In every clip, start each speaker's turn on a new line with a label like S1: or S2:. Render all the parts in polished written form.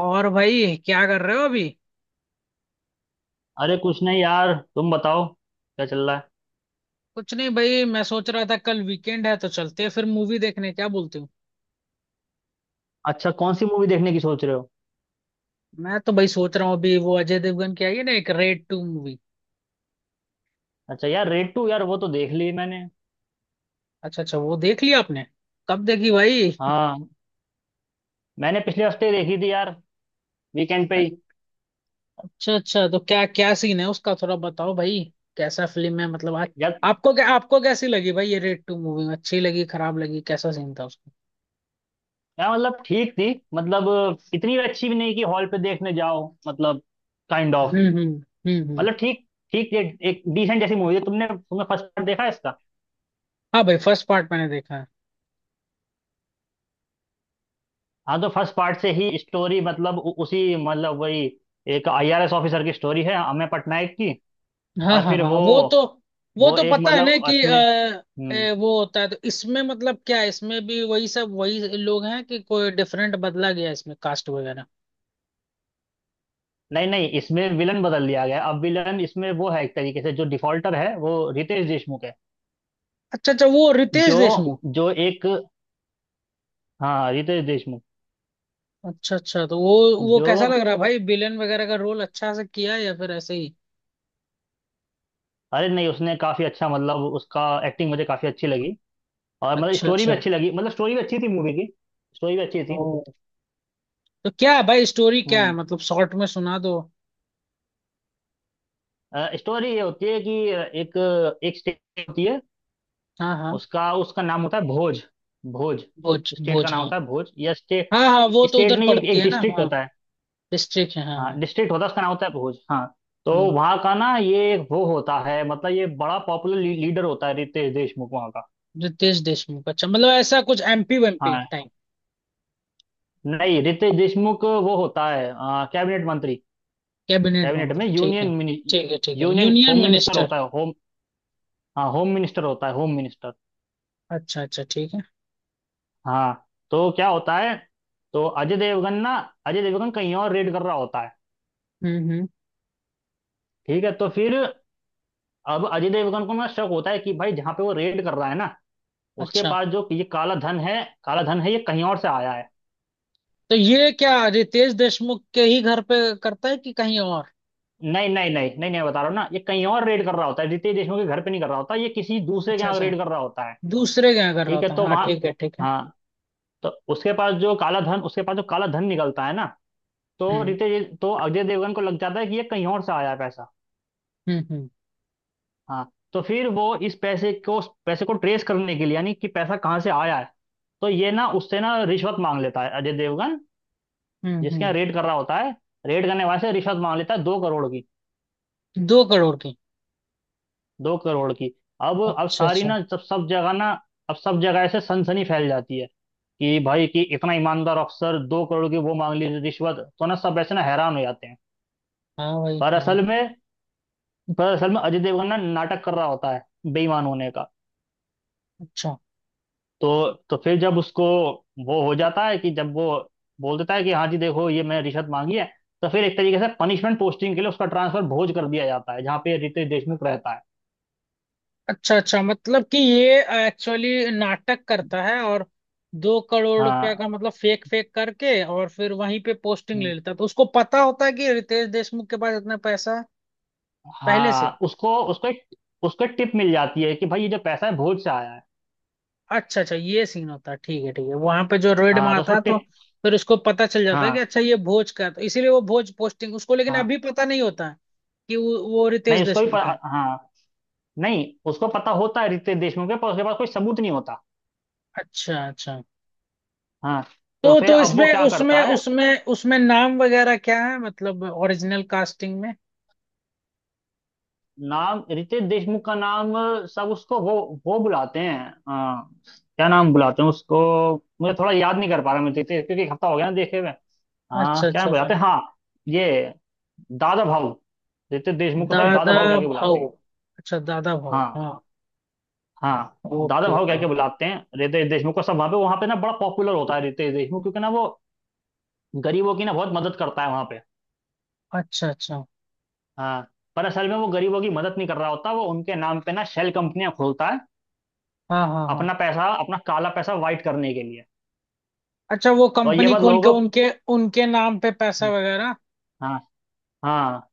S1: और भाई क्या कर रहे हो अभी।
S2: अरे कुछ नहीं यार, तुम बताओ क्या चल रहा है।
S1: कुछ नहीं भाई, मैं सोच रहा था कल वीकेंड है तो चलते हैं फिर मूवी देखने, क्या बोलते हो?
S2: अच्छा, कौन सी मूवी देखने की सोच रहे हो?
S1: मैं तो भाई सोच रहा हूँ अभी वो अजय देवगन की आई है ना, एक रेड टू मूवी।
S2: अच्छा यार, रेड टू, यार वो तो देख ली मैंने।
S1: अच्छा अच्छा, वो देख लिया आपने? कब देखी भाई?
S2: हाँ, मैंने पिछले हफ्ते देखी थी यार, वीकेंड पे ही।
S1: अच्छा अच्छा, तो क्या क्या सीन है उसका, थोड़ा बताओ भाई। कैसा फिल्म है मतलब
S2: यार
S1: आपको क्या, आपको कैसी लगी भाई ये रेड टू मूवी? अच्छी लगी, खराब लगी? कैसा सीन था उसका?
S2: यार मतलब ठीक थी। मतलब इतनी भी अच्छी भी नहीं कि हॉल पे देखने जाओ, मतलब काइंड ऑफ।
S1: हम्म।
S2: मतलब ठीक, ठीक एक डिसेंट जैसी मूवी है। तुमने तुमने फर्स्ट पार्ट देखा है इसका?
S1: हाँ भाई, फर्स्ट पार्ट मैंने देखा है।
S2: हाँ तो फर्स्ट पार्ट से ही स्टोरी, मतलब उसी, मतलब वही। एक आईआरएस ऑफिसर की स्टोरी है, अमेय पटनायक की।
S1: हाँ
S2: और
S1: हाँ
S2: फिर
S1: हाँ,
S2: वो
S1: वो तो, वो तो
S2: एक,
S1: पता है
S2: मतलब
S1: ना कि
S2: उसमें
S1: वो होता है, तो इसमें मतलब क्या है? इसमें भी वही सब, वही लोग हैं कि कोई डिफरेंट बदला गया है इसमें कास्ट वगैरह?
S2: नहीं, नहीं, इसमें विलन बदल दिया गया है। अब विलन इसमें वो है, एक तरीके से जो डिफॉल्टर है, वो रितेश देशमुख है।
S1: अच्छा अच्छा, वो रितेश
S2: जो
S1: देशमुख।
S2: जो एक, हाँ, रितेश देशमुख,
S1: अच्छा अच्छा, तो वो कैसा लग
S2: जो।
S1: रहा है भाई विलेन वगैरह का रोल? अच्छा से किया है या फिर ऐसे ही?
S2: अरे नहीं, उसने काफी अच्छा, मतलब उसका एक्टिंग मुझे काफी अच्छी लगी। और मतलब
S1: अच्छा
S2: स्टोरी भी
S1: अच्छा।
S2: अच्छी लगी, मतलब स्टोरी भी अच्छी थी मूवी की। स्टोरी भी अच्छी
S1: ओ,
S2: थी।
S1: तो क्या है भाई स्टोरी, क्या है
S2: हम्म
S1: मतलब, शॉर्ट में सुना दो।
S2: स्टोरी ये होती है कि एक एक स्टेट होती है।
S1: हाँ हाँ।
S2: उसका उसका नाम होता है भोज। भोज,
S1: भोज
S2: स्टेट का
S1: भोज
S2: नाम
S1: हाँ।
S2: होता है भोज, या स्टेट।
S1: हाँ हाँ, वो तो
S2: स्टेट
S1: उधर
S2: नहीं, एक
S1: पड़ती
S2: एक
S1: है ना,
S2: डिस्ट्रिक्ट
S1: हाँ।
S2: होता है।
S1: डिस्ट्रिक्ट है, हाँ
S2: हाँ,
S1: हाँ।
S2: डिस्ट्रिक्ट होता है, उसका नाम होता है भोज। हाँ तो
S1: हम्म,
S2: वहाँ का ना, ये एक वो होता है, मतलब ये बड़ा पॉपुलर लीडर होता है रितेश देशमुख वहाँ का।
S1: रितेश देशमुख, अच्छा, मतलब ऐसा कुछ एमपी वेमपी?
S2: हाँ नहीं, रितेश देशमुख वो होता है कैबिनेट मंत्री।
S1: कैबिनेट
S2: कैबिनेट में,
S1: मंत्री, ठीक है।
S2: यूनियन
S1: ठीक है ठीक है,
S2: union
S1: union
S2: home minister
S1: minister.
S2: होता है होम। हाँ, होम मिनिस्टर होता है, होम मिनिस्टर।
S1: अच्छा अच्छा ठीक है।
S2: हाँ तो क्या होता है, तो अजय देवगन ना अजय देवगन कहीं और रेड कर रहा होता है।
S1: हम्म।
S2: ठीक है, तो फिर अब अजय देवगन को ना शक होता है कि भाई जहाँ पे वो रेड कर रहा है ना, उसके
S1: अच्छा,
S2: पास जो ये काला धन है, काला धन है, ये कहीं और से आया है।
S1: तो ये क्या रितेश देशमुख के ही घर पे करता है कि कहीं और?
S2: नहीं, नहीं, नहीं, नहीं, नहीं, बता रहा हूँ ना, ये कहीं और रेड कर रहा होता है, रितेश देशमुख के घर पे नहीं कर रहा होता, ये किसी दूसरे के
S1: अच्छा
S2: यहाँ
S1: अच्छा,
S2: रेड कर रहा होता है।
S1: दूसरे के यहाँ कर रहा
S2: ठीक है
S1: होता है,
S2: तो
S1: हाँ
S2: वहाँ,
S1: ठीक है ठीक है।
S2: हाँ, तो उसके पास जो काला धन निकलता है ना, तो
S1: हम्म
S2: रितेश तो अजय देवगन को लग जाता है कि ये कहीं और से आया है पैसा।
S1: हम्म हम्म
S2: हाँ, तो फिर वो इस पैसे को ट्रेस करने के लिए, यानी कि पैसा कहाँ से आया है, तो ये ना उससे ना रिश्वत मांग लेता है, अजय देवगन जिसके
S1: हम्म।
S2: यहाँ रेड कर रहा होता है, रेड करने वाले से रिश्वत मांग लेता है 2 करोड़ की।
S1: 2 करोड़ की।
S2: 2 करोड़ की। अब
S1: अच्छा
S2: सारी
S1: अच्छा।
S2: ना सब सब जगह ना, अब सब जगह ऐसे सनसनी फैल जाती है, कि भाई कि इतना ईमानदार अफसर 2 करोड़ की वो मांग ली रिश्वत, तो ना सब ऐसे ना हैरान हो जाते हैं।
S1: हाँ भाई
S2: पर
S1: हाँ।
S2: असल में पर असल में अजय देवगन ना नाटक कर रहा होता है, बेईमान होने का।
S1: अच्छा
S2: तो फिर जब उसको वो हो जाता है, कि जब वो बोल देता है कि हाँ जी देखो, ये मैंने रिश्वत मांगी है, तो फिर एक तरीके से पनिशमेंट पोस्टिंग के लिए उसका ट्रांसफर भोज कर दिया जाता है, जहाँ पे रितेश देशमुख रहता है।
S1: अच्छा अच्छा, मतलब कि ये एक्चुअली नाटक करता है और 2 करोड़ रुपए
S2: हाँ,
S1: का मतलब फेक फेक करके और फिर वहीं पे पोस्टिंग ले लेता है, तो उसको पता होता है कि रितेश देशमुख के पास इतना पैसा है पहले से।
S2: हाँ, उसको उसको एक टिप मिल जाती है कि भाई ये जो पैसा है, भोज से आया है।
S1: अच्छा अच्छा, ये सीन होता है, ठीक है ठीक है, वहां पे जो रेड
S2: हाँ तो
S1: मारता
S2: उसको
S1: है, तो
S2: टिप,
S1: फिर उसको पता चल जाता है कि
S2: हाँ,
S1: अच्छा, ये भोज का है, तो इसीलिए वो भोज पोस्टिंग उसको, लेकिन
S2: हाँ,
S1: अभी पता नहीं होता है कि वो रितेश
S2: नहीं उसको भी
S1: देशमुख है।
S2: हाँ, नहीं, उसको पता होता है रितेश देशमुख के, पर उसके पास कोई सबूत नहीं होता।
S1: अच्छा अच्छा,
S2: हाँ। तो
S1: तो
S2: फिर
S1: तो
S2: अब वो
S1: इसमें
S2: क्या करता
S1: उसमें
S2: है,
S1: उसमें उसमें नाम वगैरह क्या है, मतलब ओरिजिनल कास्टिंग में?
S2: नाम, रितेश देशमुख का नाम, सब उसको वो बुलाते हैं। हाँ, क्या नाम बुलाते हैं उसको, मुझे थोड़ा याद नहीं कर पा रहा मैं, रितेश, क्योंकि एक हफ्ता हो गया ना देखे हुए। हाँ,
S1: अच्छा
S2: क्या नाम
S1: अच्छा अच्छा।
S2: बुलाते हैं, हाँ, ये दादा भाऊ। रितेश देशमुख को सब
S1: दादा
S2: दादा भाऊ कह के बुलाते हैं।
S1: भाऊ। अच्छा, दादा भाऊ
S2: हाँ,
S1: हाँ।
S2: हाँ, दादा
S1: ओके
S2: भाव
S1: ओके
S2: कह के
S1: ओके।
S2: बुलाते हैं रितेश देशमुख को सब। वहां पे ना बड़ा पॉपुलर होता है रितेश देशमुख, क्योंकि ना वो गरीबों की ना बहुत मदद करता है वहां पे।
S1: अच्छा अच्छा
S2: हाँ, पर असल में वो गरीबों की मदद नहीं कर रहा होता, वो उनके नाम पे ना शेल कंपनियां खोलता है,
S1: हाँ हाँ हाँ।
S2: अपना पैसा, अपना काला पैसा वाइट करने के लिए।
S1: अच्छा, वो
S2: और ये
S1: कंपनी
S2: बात
S1: खोल के
S2: लोगों को,
S1: उनके उनके नाम पे पैसा वगैरह।
S2: हाँ, हाँ,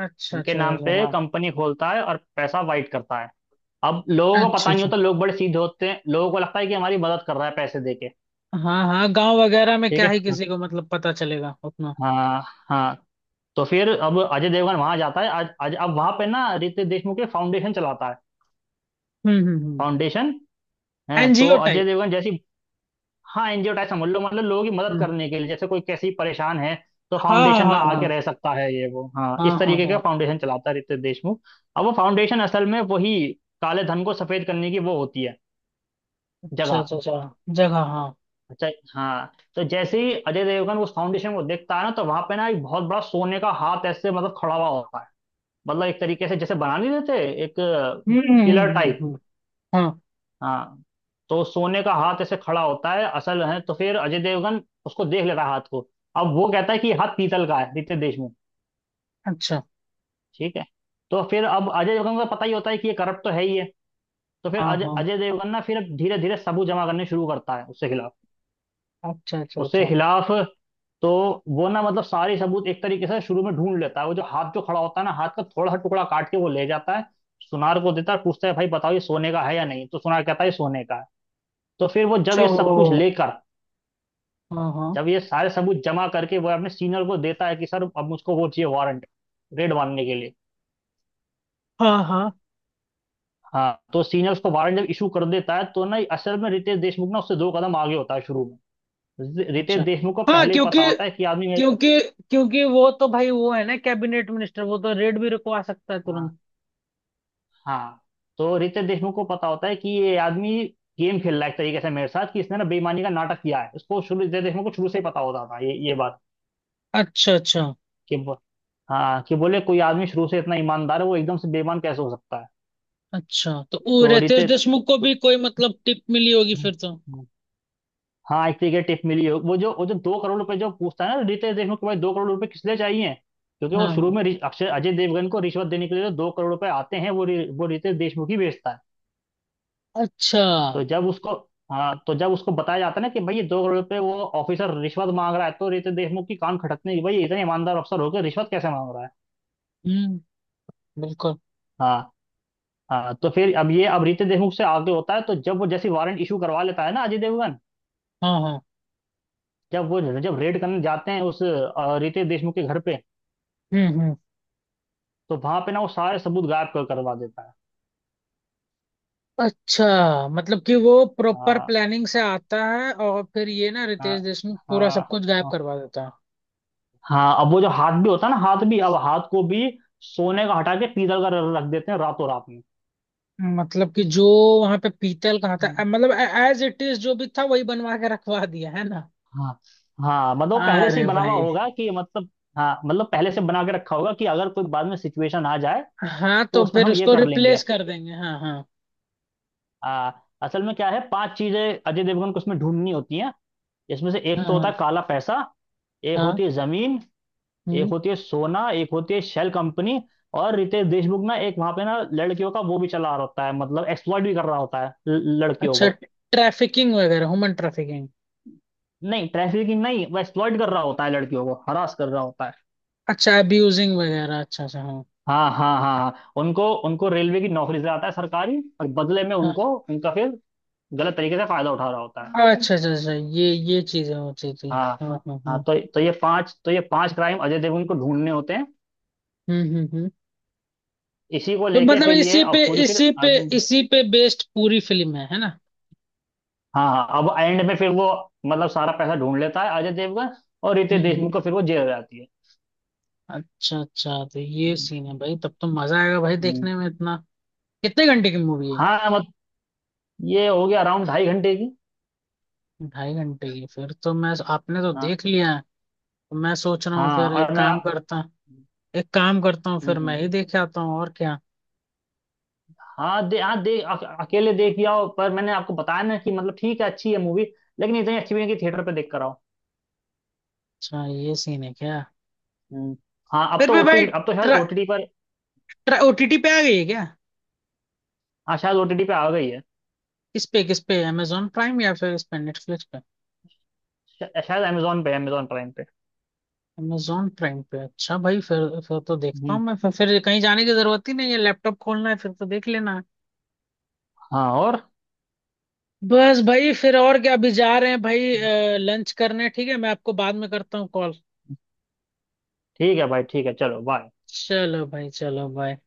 S1: अच्छा
S2: उनके
S1: अच्छा
S2: नाम
S1: अच्छा
S2: पे
S1: हाँ।
S2: कंपनी खोलता है और पैसा वाइट करता है। अब लोगों को
S1: अच्छा
S2: पता नहीं
S1: अच्छा,
S2: होता, लोग बड़े सीधे होते हैं, लोगों को लगता है कि हमारी मदद कर रहा है पैसे दे के।
S1: हाँ हाँ, गांव वगैरह में
S2: ठीक
S1: क्या
S2: है,
S1: ही किसी को मतलब पता चलेगा उतना।
S2: हाँ, हाँ, तो फिर अब अजय देवगन वहां जाता है। आज आज अब वहां पे ना रितेश देशमुख के फाउंडेशन चलाता है।
S1: हम्म,
S2: फाउंडेशन है, तो
S1: एनजीओ
S2: अजय
S1: टाइप।
S2: देवगन जैसी, हाँ, एनजीओ टाइप, समझ लो, मतलब लोगों की मदद
S1: हम्म।
S2: करने के लिए, जैसे कोई कैसी परेशान है तो
S1: हाँ हाँ
S2: फाउंडेशन में
S1: हाँ
S2: आके
S1: हाँ।
S2: रह सकता है ये वो, हाँ,
S1: हाँ
S2: इस
S1: हाँ
S2: तरीके का
S1: हाँ।
S2: फाउंडेशन चलाता है रितेश देशमुख। अब वो फाउंडेशन असल में वही काले धन को सफेद करने की वो होती है
S1: अच्छा
S2: जगह।
S1: अच्छा अच्छा, जगह हाँ।
S2: अच्छा, हाँ, तो जैसे ही अजय देवगन उस फाउंडेशन को देखता है ना, तो वहां पे ना एक बहुत बड़ा सोने का हाथ ऐसे, मतलब खड़ा हुआ होता है, मतलब एक तरीके से जैसे बना नहीं देते एक
S1: हम्म हम्म
S2: पिलर
S1: हम्म हम्म
S2: टाइप।
S1: हम्म, हाँ।
S2: हाँ, तो सोने का हाथ ऐसे खड़ा होता है असल है, तो फिर अजय देवगन उसको देख लेता है, हाथ को। अब वो कहता है कि ये हाथ पीतल का है, पीतल देश में।
S1: अच्छा।
S2: ठीक है, तो फिर अब अजय देवगन को पता ही होता है कि ये करप्ट तो है ही है, तो फिर
S1: हाँ
S2: अजय
S1: हाँ।
S2: अजय देवगन ना फिर धीरे धीरे सबूत जमा करने शुरू करता है उसके खिलाफ,
S1: अच्छा अच्छा
S2: उसके
S1: अच्छा।
S2: खिलाफ। तो वो ना, मतलब सारे सबूत एक तरीके से शुरू में ढूंढ लेता है, वो जो हाथ, जो खड़ा होता है ना, हाथ का थोड़ा सा टुकड़ा काट के वो ले जाता है, सुनार को देता है, पूछता है भाई बताओ ये सोने का है या नहीं, तो सुनार कहता है, ये सोने का है। तो फिर वो जब
S1: अच्छा
S2: ये
S1: वो।
S2: सब कुछ लेकर
S1: हाँ हाँ
S2: जब ये सारे सबूत जमा करके वो अपने सीनियर को देता है कि सर अब मुझको वो चाहिए वारंट, रेड मारने के लिए।
S1: हाँ हाँ।
S2: हाँ, तो सीनियर उसको वारंट जब इशू कर देता है, तो ना असल में रितेश देशमुख ना उससे दो कदम आगे होता है। शुरू में रितेश
S1: अच्छा
S2: देशमुख को
S1: हाँ,
S2: पहले ही
S1: क्योंकि
S2: पता होता है कि आदमी,
S1: क्योंकि क्योंकि वो तो भाई वो है ना कैबिनेट मिनिस्टर, वो तो रेड भी रुकवा सकता है
S2: हाँ,
S1: तुरंत।
S2: हाँ, तो रितेश देशमुख को पता होता है कि ये आदमी गेम खेल रहा है, एक तरीके से मेरे साथ, कि इसने ना बेईमानी का नाटक किया है। उसको शुरू रितेश देशमुख को शुरू से ही पता होता था ये बात
S1: अच्छा अच्छा
S2: कि हाँ, कि बोले कोई आदमी शुरू से इतना ईमानदार है, वो एकदम से बेईमान कैसे हो सकता है।
S1: अच्छा, तो वो
S2: तो
S1: रितेश
S2: रितेश
S1: देशमुख को
S2: तो,
S1: भी कोई मतलब टिप मिली होगी
S2: हम्म,
S1: फिर तो।
S2: हम्म, हाँ, एक तरीके टिप मिली हो, वो जो 2 करोड़ रुपए जो पूछता है ना, रितेश देशमुख को भाई 2 करोड़ रुपए किस लिए चाहिए, क्योंकि वो
S1: हाँ
S2: शुरू
S1: हाँ।
S2: में रि- अक्षय अजय देवगन को रिश्वत देने के लिए जो 2 करोड़ रुपए आते हैं वो रितेश देशमुख ही बेचता है।
S1: अच्छा।
S2: तो जब उसको, हाँ, तो जब उसको बताया जाता है ना कि भाई ये 2 करोड़ रुपए वो ऑफिसर रिश्वत मांग रहा है, तो रितेश देशमुख की कान खटकने की, भाई ये इतने ईमानदार अफसर होकर रिश्वत कैसे मांग रहा है।
S1: हम्म, बिल्कुल।
S2: हाँ, हाँ, तो फिर अब रितेश देशमुख से आगे होता है। तो जब वो जैसे वारंट इशू करवा लेता है ना अजय देवगन,
S1: हाँ हाँ।
S2: जब वो जब रेड करने जाते हैं उस रितेश देशमुख के घर पे,
S1: हम्म।
S2: तो वहां पे ना वो सारे सबूत गायब कर करवा देता है।
S1: अच्छा, मतलब कि वो प्रॉपर
S2: हाँ,
S1: प्लानिंग से आता है और फिर ये ना
S2: हाँ,
S1: रितेश देशमुख पूरा
S2: हाँ,
S1: सब कुछ गायब
S2: हाँ,
S1: करवा देता है।
S2: हाँ, अब वो जो हाथ भी होता है ना, हाथ भी, अब हाथ को भी सोने का हटा के पीतल का रख देते हैं रातों रात
S1: मतलब कि जो वहां पे पीतल कहाँ था
S2: में।
S1: मतलब एज इट इज जो भी था वही बनवा के रखवा दिया है ना।
S2: हाँ, हाँ, मतलब पहले से
S1: अरे
S2: ही बना हुआ
S1: भाई।
S2: होगा कि मतलब, हाँ, मतलब पहले से बना के रखा होगा कि अगर कोई बाद में सिचुएशन आ जाए
S1: हाँ,
S2: तो
S1: तो
S2: उसमें
S1: फिर
S2: हम ये
S1: उसको
S2: कर लेंगे।
S1: रिप्लेस कर देंगे, हाँ हाँ।
S2: आ, असल में क्या है, पांच चीजें अजय देवगन को उसमें ढूंढनी होती हैं। इसमें से
S1: हाँ
S2: एक तो होता
S1: हाँ
S2: है काला पैसा, एक
S1: हाँ।
S2: होती है जमीन, एक
S1: हम्म।
S2: होती है सोना, एक होती है शेल कंपनी, और रितेश देशमुख ना एक वहां पे ना लड़कियों का वो भी चला रहा होता है, मतलब एक्सप्लॉइट भी कर रहा होता है लड़कियों
S1: अच्छा,
S2: को।
S1: ट्रैफिकिंग वगैरह, ह्यूमन ट्रैफिकिंग।
S2: नहीं, ट्रैफिकिंग नहीं, वो एक्सप्लॉइट कर रहा होता है, लड़कियों को हरास कर रहा होता है।
S1: अच्छा, अब्यूजिंग वगैरह, अच्छा अच्छा हाँ।
S2: हाँ, हाँ, हाँ, हाँ, उनको उनको रेलवे की नौकरी से आता है सरकारी, और बदले में उनको, उनका फिर गलत तरीके से फायदा उठा रहा होता है।
S1: हाँ, अच्छा अच्छा अच्छा, ये चीजें होती थी।
S2: हाँ,
S1: हाँ हाँ
S2: हाँ,
S1: हाँ।
S2: तो ये पांच क्राइम अजय देवगन को ढूंढने होते हैं,
S1: हम्म।
S2: इसी को
S1: तो
S2: लेके
S1: मतलब
S2: फिर ये
S1: इसी
S2: अब
S1: पे
S2: पूरी फिर
S1: इसी पे
S2: आगे।
S1: इसी पे बेस्ड पूरी फिल्म है ना?
S2: हाँ, हाँ, अब एंड में फिर वो मतलब सारा पैसा ढूंढ लेता है अजय देवगन, और रितेश
S1: हम्म।
S2: देशमुख को फिर वो जेल हो जाती है।
S1: अच्छा अच्छा, तो ये सीन है भाई, तब तो मजा आएगा भाई
S2: हम्म,
S1: देखने में इतना। कितने घंटे की मूवी है?
S2: हाँ, मत ये हो गया, अराउंड 2.5 घंटे की।
S1: 2.5 घंटे की, फिर तो मैं, आपने तो
S2: हाँ,
S1: देख लिया है। तो मैं सोच रहा हूँ
S2: हाँ,
S1: फिर
S2: और मैं,
S1: एक काम करता हूँ, फिर
S2: हम्म,
S1: मैं ही देख आता हूँ और क्या।
S2: हाँ अकेले देख के आओ, पर मैंने आपको बताया ना कि मतलब ठीक है, अच्छी है मूवी, लेकिन इतनी अच्छी भी नहीं कि थिएटर पे देख कर आओ।
S1: अच्छा, ये सीन है क्या?
S2: हम्म, हाँ,
S1: फिर भी भाई
S2: अब तो शायद
S1: ट्रा,
S2: ओटीटी पर,
S1: ट्रा, ओटीटी पे आ गई है क्या?
S2: हाँ शायद ओटीटी पे आ गई है।
S1: किस पे किस पे, अमेजोन प्राइम या फिर इस पे नेटफ्लिक्स पे?
S2: शायद अमेजोन पे, अमेजोन प्राइम पे।
S1: अमेजोन प्राइम पे, अच्छा भाई फिर तो देखता
S2: हम्म,
S1: हूँ मैं, फिर कहीं जाने की जरूरत ही नहीं है, लैपटॉप खोलना है फिर तो देख लेना है।
S2: हाँ, और
S1: बस भाई, फिर और क्या, अभी जा रहे हैं भाई लंच करने, ठीक है मैं आपको बाद में करता हूँ कॉल।
S2: ठीक है भाई, ठीक है, चलो बाय।
S1: चलो भाई, चलो बाय।